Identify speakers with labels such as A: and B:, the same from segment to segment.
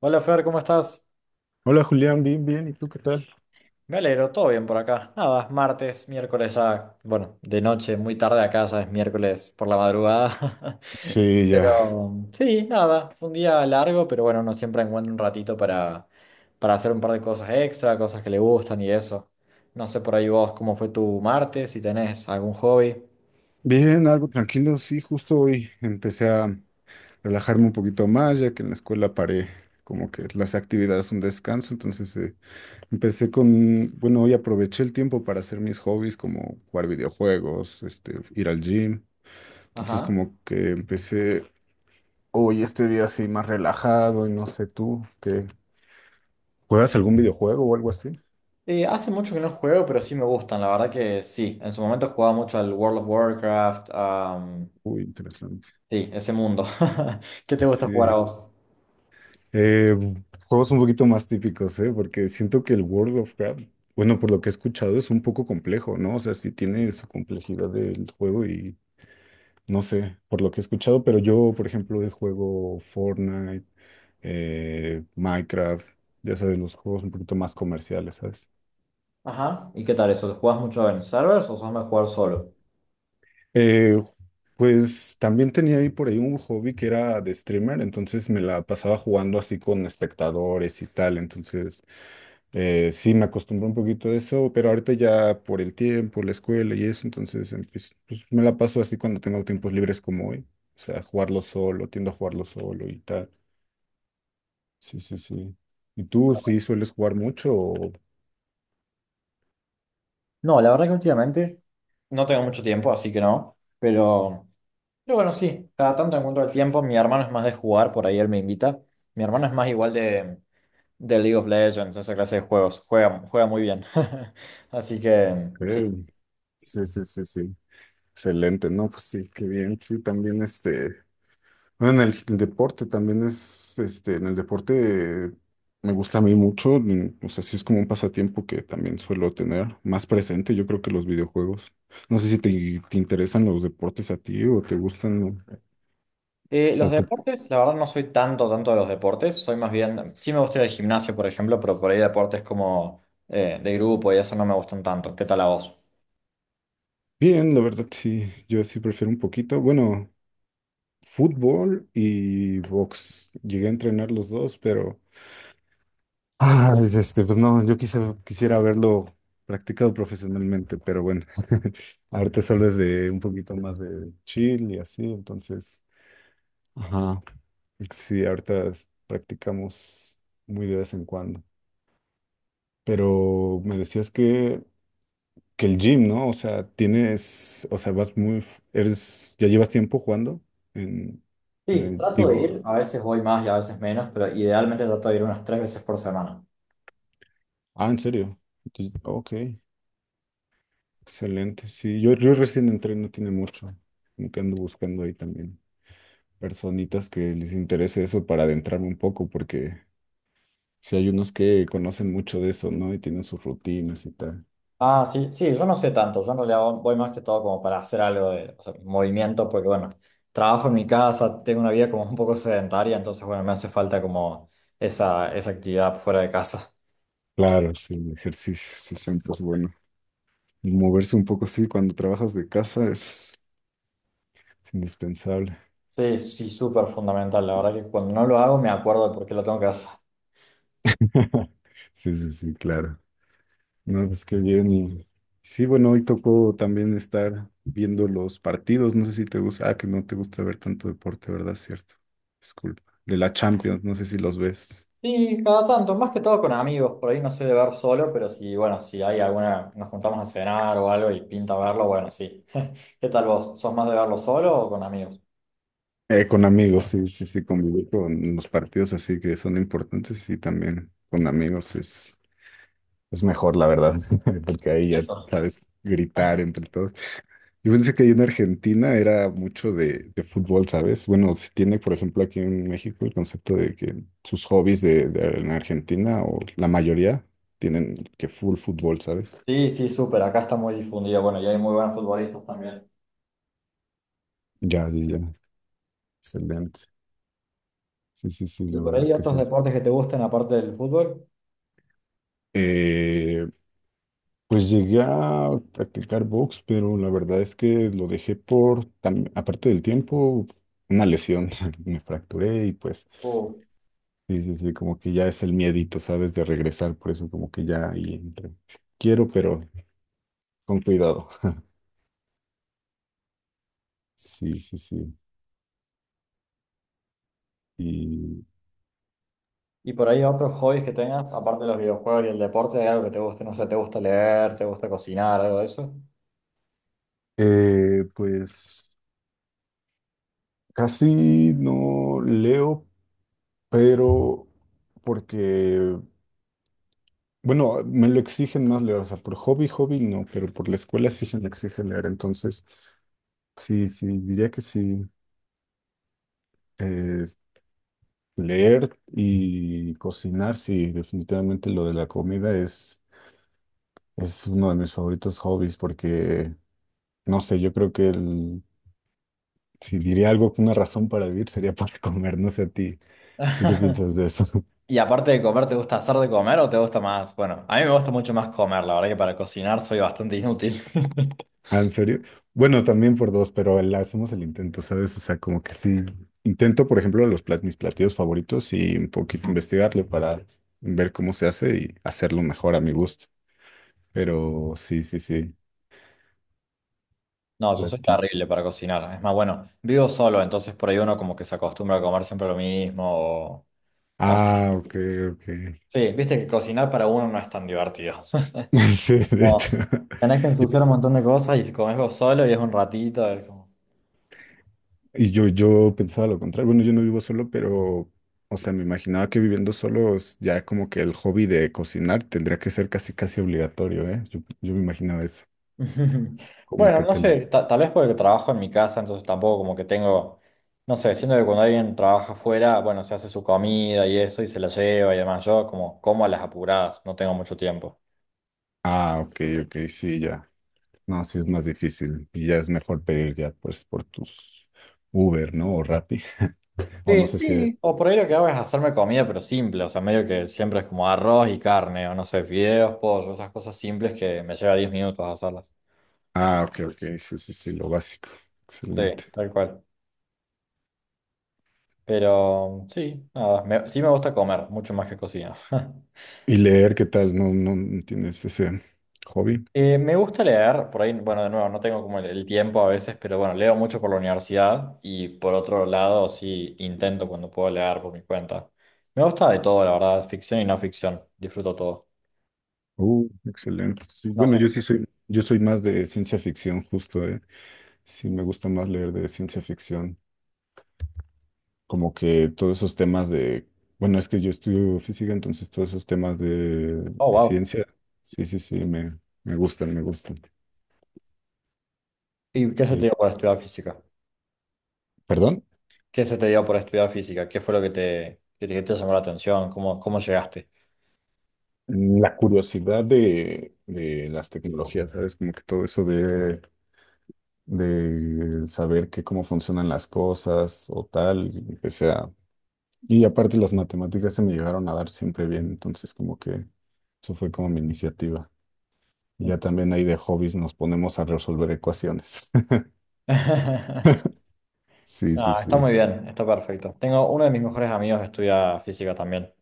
A: Hola Fer, ¿cómo estás?
B: Hola Julián, bien, bien, ¿y tú qué tal?
A: Me alegro, todo bien por acá. Nada, es martes, miércoles ya, bueno, de noche, muy tarde acá, ya es miércoles por la madrugada.
B: Sí, ya.
A: Pero sí, nada, fue un día largo, pero bueno, uno siempre encuentra un ratito para hacer un par de cosas extra, cosas que le gustan y eso. No sé por ahí vos cómo fue tu martes, si tenés algún hobby.
B: Bien, algo tranquilo, sí, justo hoy empecé a relajarme un poquito más, ya que en la escuela paré como que las actividades son descanso, entonces empecé con, bueno, hoy aproveché el tiempo para hacer mis hobbies como jugar videojuegos, este, ir al gym, entonces
A: Ajá.
B: como que empecé hoy este día así más relajado y no sé tú, ¿qué? ¿Juegas algún videojuego o algo así?
A: Hace mucho que no juego, pero sí me gustan, la verdad que sí. En su momento jugaba mucho al World of Warcraft,
B: Uy, interesante.
A: sí, ese mundo. ¿Qué te gusta jugar a
B: Sí.
A: vos?
B: Eh, juegos un poquito más típicos, ¿eh? Porque siento que el World of Warcraft, bueno, por lo que he escuchado, es un poco complejo, ¿no? O sea, sí tiene su complejidad del juego y no sé, por lo que he escuchado, pero yo, por ejemplo, juego Fortnite, Minecraft, ya sabes, los juegos un poquito más comerciales, ¿sabes?
A: Ajá. ¿Y qué tal eso? ¿Te ¿Juegas mucho en servers o sos más jugar solo?
B: Eh, pues también tenía ahí por ahí un hobby que era de streamer, entonces me la pasaba jugando así con espectadores y tal, entonces... sí, me acostumbré un poquito a eso, pero ahorita ya por el tiempo, la escuela y eso, entonces pues, pues, me la paso así cuando tengo tiempos libres como hoy. O sea, jugarlo solo, tiendo a jugarlo solo y tal. Sí, sí, sí. ¿Y tú sí sueles jugar mucho? ¿O
A: No, la verdad que últimamente no tengo mucho tiempo, así que no. Pero bueno, sí, cada tanto encuentro el tiempo. Mi hermano es más de jugar, por ahí él me invita. Mi hermano es más igual de League of Legends, esa clase de juegos. Juega muy bien. Así que,
B: qué?
A: sí.
B: Sí, sí, sí, sí. Excelente, ¿no? Pues sí, qué bien. Sí, también este. Bueno, en el deporte también es, este, en el deporte me gusta a mí mucho, mm, o sea, sí es como un pasatiempo que también suelo tener más presente, yo creo que los videojuegos. No sé si te, te interesan los deportes a ti o te gustan
A: Los
B: o tú.
A: deportes, la verdad no soy tanto de los deportes. Soy más bien, sí me gusta ir al gimnasio, por ejemplo, pero por ahí deportes como de grupo y eso no me gustan tanto. ¿Qué tal a vos?
B: Bien, la verdad sí, yo sí prefiero un poquito, bueno, fútbol y box. Llegué a entrenar los dos, pero ah, pues, este, pues no, yo quisiera haberlo practicado profesionalmente, pero bueno, ahorita solo es de un poquito más de chill y así, entonces, ajá, sí, practicamos muy de vez en cuando. Pero me decías que el gym, ¿no? O sea, tienes, o sea, vas muy, eres, ya llevas tiempo jugando en, en
A: Sí,
B: el,
A: trato de ir,
B: digo,
A: a veces voy más y a veces menos, pero idealmente trato de ir unas 3 veces por semana.
B: ah, ¿en serio? Entonces, ok. Excelente, sí. Yo recién entré, no tiene mucho. Como que ando buscando ahí también personitas que les interese eso para adentrarme un poco, porque si hay unos que conocen mucho de eso, ¿no? Y tienen sus rutinas y tal.
A: Ah, sí, sí, yo no sé tanto, yo no le hago, voy más que todo como para hacer algo de, o sea, movimiento, porque bueno, trabajo en mi casa, tengo una vida como un poco sedentaria, entonces bueno, me hace falta como esa actividad fuera de casa.
B: Claro, sí, el ejercicio, sí, siempre es bueno. Moverse un poco, sí, cuando trabajas de casa es indispensable.
A: Sí, sí, súper fundamental, la verdad que cuando no lo hago me acuerdo de por qué lo tengo que hacer.
B: Sí, sí, sí, claro. No, pues qué bien. Y sí, bueno, hoy tocó también estar viendo los partidos. No sé si te gusta. Ah, que no te gusta ver tanto deporte, ¿verdad? Cierto. Disculpa. De la Champions, no sé si los ves.
A: Sí, cada tanto, más que todo con amigos, por ahí no soy de ver solo, pero si, bueno, si hay alguna, nos juntamos a cenar o algo y pinta verlo, bueno, sí. ¿Qué tal vos? ¿Sos más de verlo solo o con amigos?
B: Con amigos, sí, sí, sí, convivir con los partidos así que son importantes y también con amigos es mejor, la verdad, porque ahí ya
A: Eso.
B: sabes gritar entre todos. Yo pensé que ahí en Argentina era mucho de fútbol, ¿sabes? Bueno, se tiene, por ejemplo, aquí en México el concepto de que sus hobbies en Argentina, o la mayoría, tienen que full fútbol, ¿sabes?
A: Sí, sí, súper, acá está muy difundido, bueno, y hay muy buenos futbolistas también.
B: Ya, ya, ya. Excelente. Sí, sí, sí,
A: ¿Y
B: la
A: por
B: verdad
A: ahí
B: es que
A: otros
B: sí.
A: deportes que te gusten aparte del fútbol?
B: Eh, pues llegué a practicar box, pero la verdad es que lo dejé por, aparte del tiempo, una lesión. Me fracturé y pues.
A: Uh,
B: Sí, sí, sí, como que ya es el miedito, ¿sabes? De regresar, por eso como que ya ahí entra. Quiero, pero con cuidado. Sí, sí, sí. Y
A: ¿Y por ahí otros hobbies que tengas, aparte de los videojuegos y el deporte, hay algo que te guste? No sé, ¿te gusta leer? ¿Te gusta cocinar? ¿Algo de eso?
B: pues casi no leo, pero porque, bueno, me lo exigen más leer, o sea, por hobby, hobby no, pero por la escuela sí se me exige leer, entonces sí, sí, diría que sí. Eh, leer y cocinar, sí, definitivamente lo de la comida es... Es uno de mis favoritos hobbies porque, no sé, yo creo que el, si diría algo, una razón para vivir sería para comer, no sé a ti. ¿Tú qué piensas de eso?
A: Y aparte de comer, ¿te gusta hacer de comer o te gusta más? Bueno, a mí me gusta mucho más comer, la verdad que para cocinar soy bastante inútil.
B: Ah, ¿en serio? Bueno, también por dos, pero le hacemos el intento, ¿sabes? O sea, como que sí. Intento, por ejemplo, mis platillos favoritos y un poquito investigarle para ver cómo se hace y hacerlo mejor a mi gusto. Pero sí, sí, sí.
A: No, yo soy
B: Platí.
A: terrible para cocinar. Es más, bueno, vivo solo, entonces por ahí uno como que se acostumbra a comer siempre lo mismo. O, o no.
B: Ah, ok, ok.
A: Sí, viste que cocinar para uno no es tan divertido.
B: Sí, de hecho.
A: Como, tenés que ensuciar un montón de cosas y si comés vos solo y es un ratito. Es como-
B: Y yo pensaba lo contrario. Bueno, yo no vivo solo, pero, o sea, me imaginaba que viviendo solo es ya como que el hobby de cocinar tendría que ser casi, casi obligatorio, ¿eh? Yo me imaginaba eso, como
A: Bueno,
B: que
A: no
B: te
A: sé,
B: lo...
A: tal vez porque trabajo en mi casa, entonces tampoco como que tengo, no sé, siento que cuando alguien trabaja afuera, bueno, se hace su comida y eso y se la lleva y demás. Yo como como a las apuradas, no tengo mucho tiempo.
B: Ah, ok, ok, sí, ya. No, sí es más difícil y ya es mejor pedir ya, pues, por tus Uber, ¿no? O Rappi, o no
A: Sí,
B: sé si...
A: sí. O por ahí lo que hago es hacerme comida, pero simple, o sea, medio que siempre es como arroz y carne, o no sé, fideos, pollo, esas cosas simples que me lleva 10 minutos hacerlas.
B: Ah, ok, ok, sí, sí, sí, lo básico.
A: Sí,
B: Excelente.
A: tal cual. Pero sí, nada, sí me gusta comer, mucho más que cocinar.
B: ¿Y leer qué tal? ¿No tienes ese hobby?
A: Me gusta leer, por ahí, bueno, de nuevo, no tengo como el tiempo a veces, pero bueno, leo mucho por la universidad y por otro lado, sí, intento cuando puedo leer por mi cuenta. Me gusta de todo, la verdad, ficción y no ficción, disfruto todo.
B: Excelente. Sí,
A: No
B: bueno,
A: sé qué.
B: yo soy más de ciencia ficción, justo, ¿eh? Sí, me gusta más leer de ciencia ficción. Como que todos esos temas de, bueno, es que yo estudio física, entonces todos esos temas
A: Oh,
B: de
A: wow.
B: ciencia, sí, sí, sí, me gustan, me gustan.
A: ¿Y qué se te
B: Y-
A: dio por estudiar física?
B: perdón,
A: ¿Qué se te dio por estudiar física? ¿Qué fue lo que te llamó la atención? ¿Cómo llegaste?
B: mm, la curiosidad de las tecnologías, ¿sabes? Como que todo eso de saber que cómo funcionan las cosas o tal, y empecé a y aparte las matemáticas se me llegaron a dar siempre bien, entonces como que eso fue como mi iniciativa. Y ya también ahí de hobbies nos ponemos a resolver ecuaciones. Sí, sí,
A: No, está
B: sí.
A: muy bien, está perfecto. Tengo uno de mis mejores amigos que estudia física también.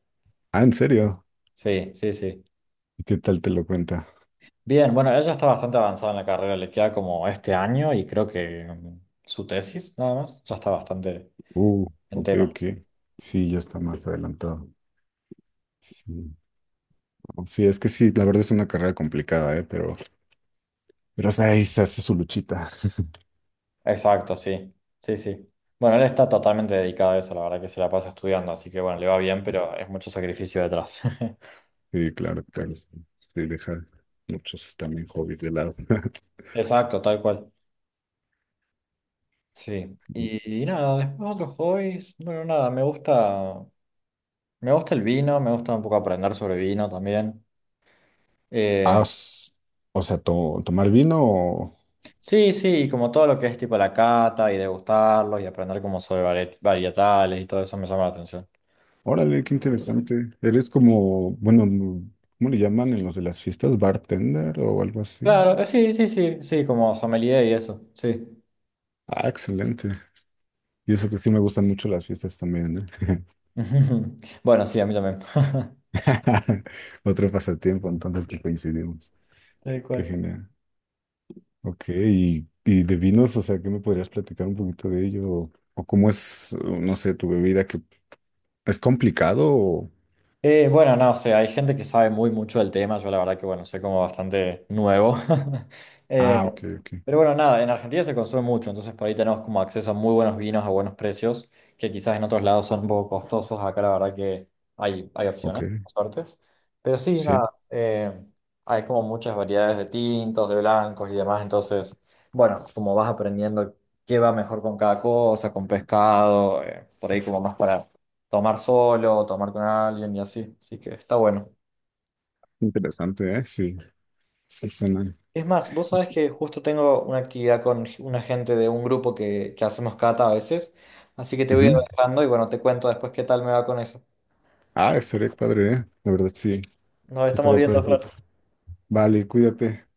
B: Ah, ¿en serio?
A: Sí, sí, sí.
B: ¿Y qué tal te lo cuenta?
A: Bien, bueno, ella está bastante avanzada en la carrera, le queda como este año y creo que su tesis nada más, ya está bastante
B: Uh,
A: en
B: ok,
A: tema.
B: ok. Sí, ya está más adelantado. Sí. No, sí, es que sí, la verdad es una carrera complicada, ¿eh? Pero o sea, ahí se hace su luchita.
A: Exacto, sí, sí, sí. Bueno, él está totalmente dedicado a eso, la verdad que se la pasa estudiando, así que bueno, le va bien, pero es mucho sacrificio detrás.
B: Sí, claro, claro. Sí, sí, deja muchos también hobbies de lado.
A: Exacto, tal cual. Sí. Y nada, después otros hobbies, bueno, nada, me gusta el vino, me gusta un poco aprender sobre vino también.
B: Ah,
A: Eh,
B: o sea, tomar vino
A: Sí, sí, y como todo lo que es tipo la cata y degustarlos y aprender como sobre varietales y todo eso me llama la atención.
B: órale, qué interesante. Eres como, bueno, no, ¿cómo le llaman en los de las fiestas? ¿Bartender o algo así?
A: Claro, sí, sí, sí, sí, como sommelier y eso, sí.
B: Ah, excelente. Y eso que sí me gustan mucho las fiestas también, ¿eh?
A: Bueno, sí, a mí también.
B: Otro pasatiempo, entonces que coincidimos.
A: Tal
B: Qué
A: cual.
B: genial. Ok, y de vinos, o sea, ¿qué me podrías platicar un poquito de ello? O cómo es, o no sé, tu bebida? ¿Que es complicado? O
A: Bueno, no, o sea, hay gente que sabe muy mucho del tema, yo la verdad que bueno, soy como bastante nuevo. Eh,
B: ah, ok, ok,
A: pero bueno, nada, en Argentina se consume mucho, entonces por ahí tenemos como acceso a muy buenos vinos a buenos precios, que quizás en otros lados son un poco costosos, acá la verdad que hay
B: ok.
A: opciones, por suerte. Pero sí,
B: Sí,
A: nada, hay como muchas variedades de tintos, de blancos y demás, entonces, bueno, como vas aprendiendo qué va mejor con cada cosa, con pescado, por ahí como más para tomar solo, tomar con alguien y así, así que está bueno.
B: interesante, ¿eh? Sí, sí suena.
A: Es más, vos sabés que justo tengo una actividad con una gente de un grupo que hacemos cata a veces, así que te voy a ir
B: Ujú.
A: dejando y bueno, te cuento después qué tal me va con eso.
B: Ah, estaría padre, ¿eh? La verdad, sí.
A: Nos estamos
B: Estaría padre
A: viendo,
B: el plato.
A: Fer.
B: Vale, cuídate.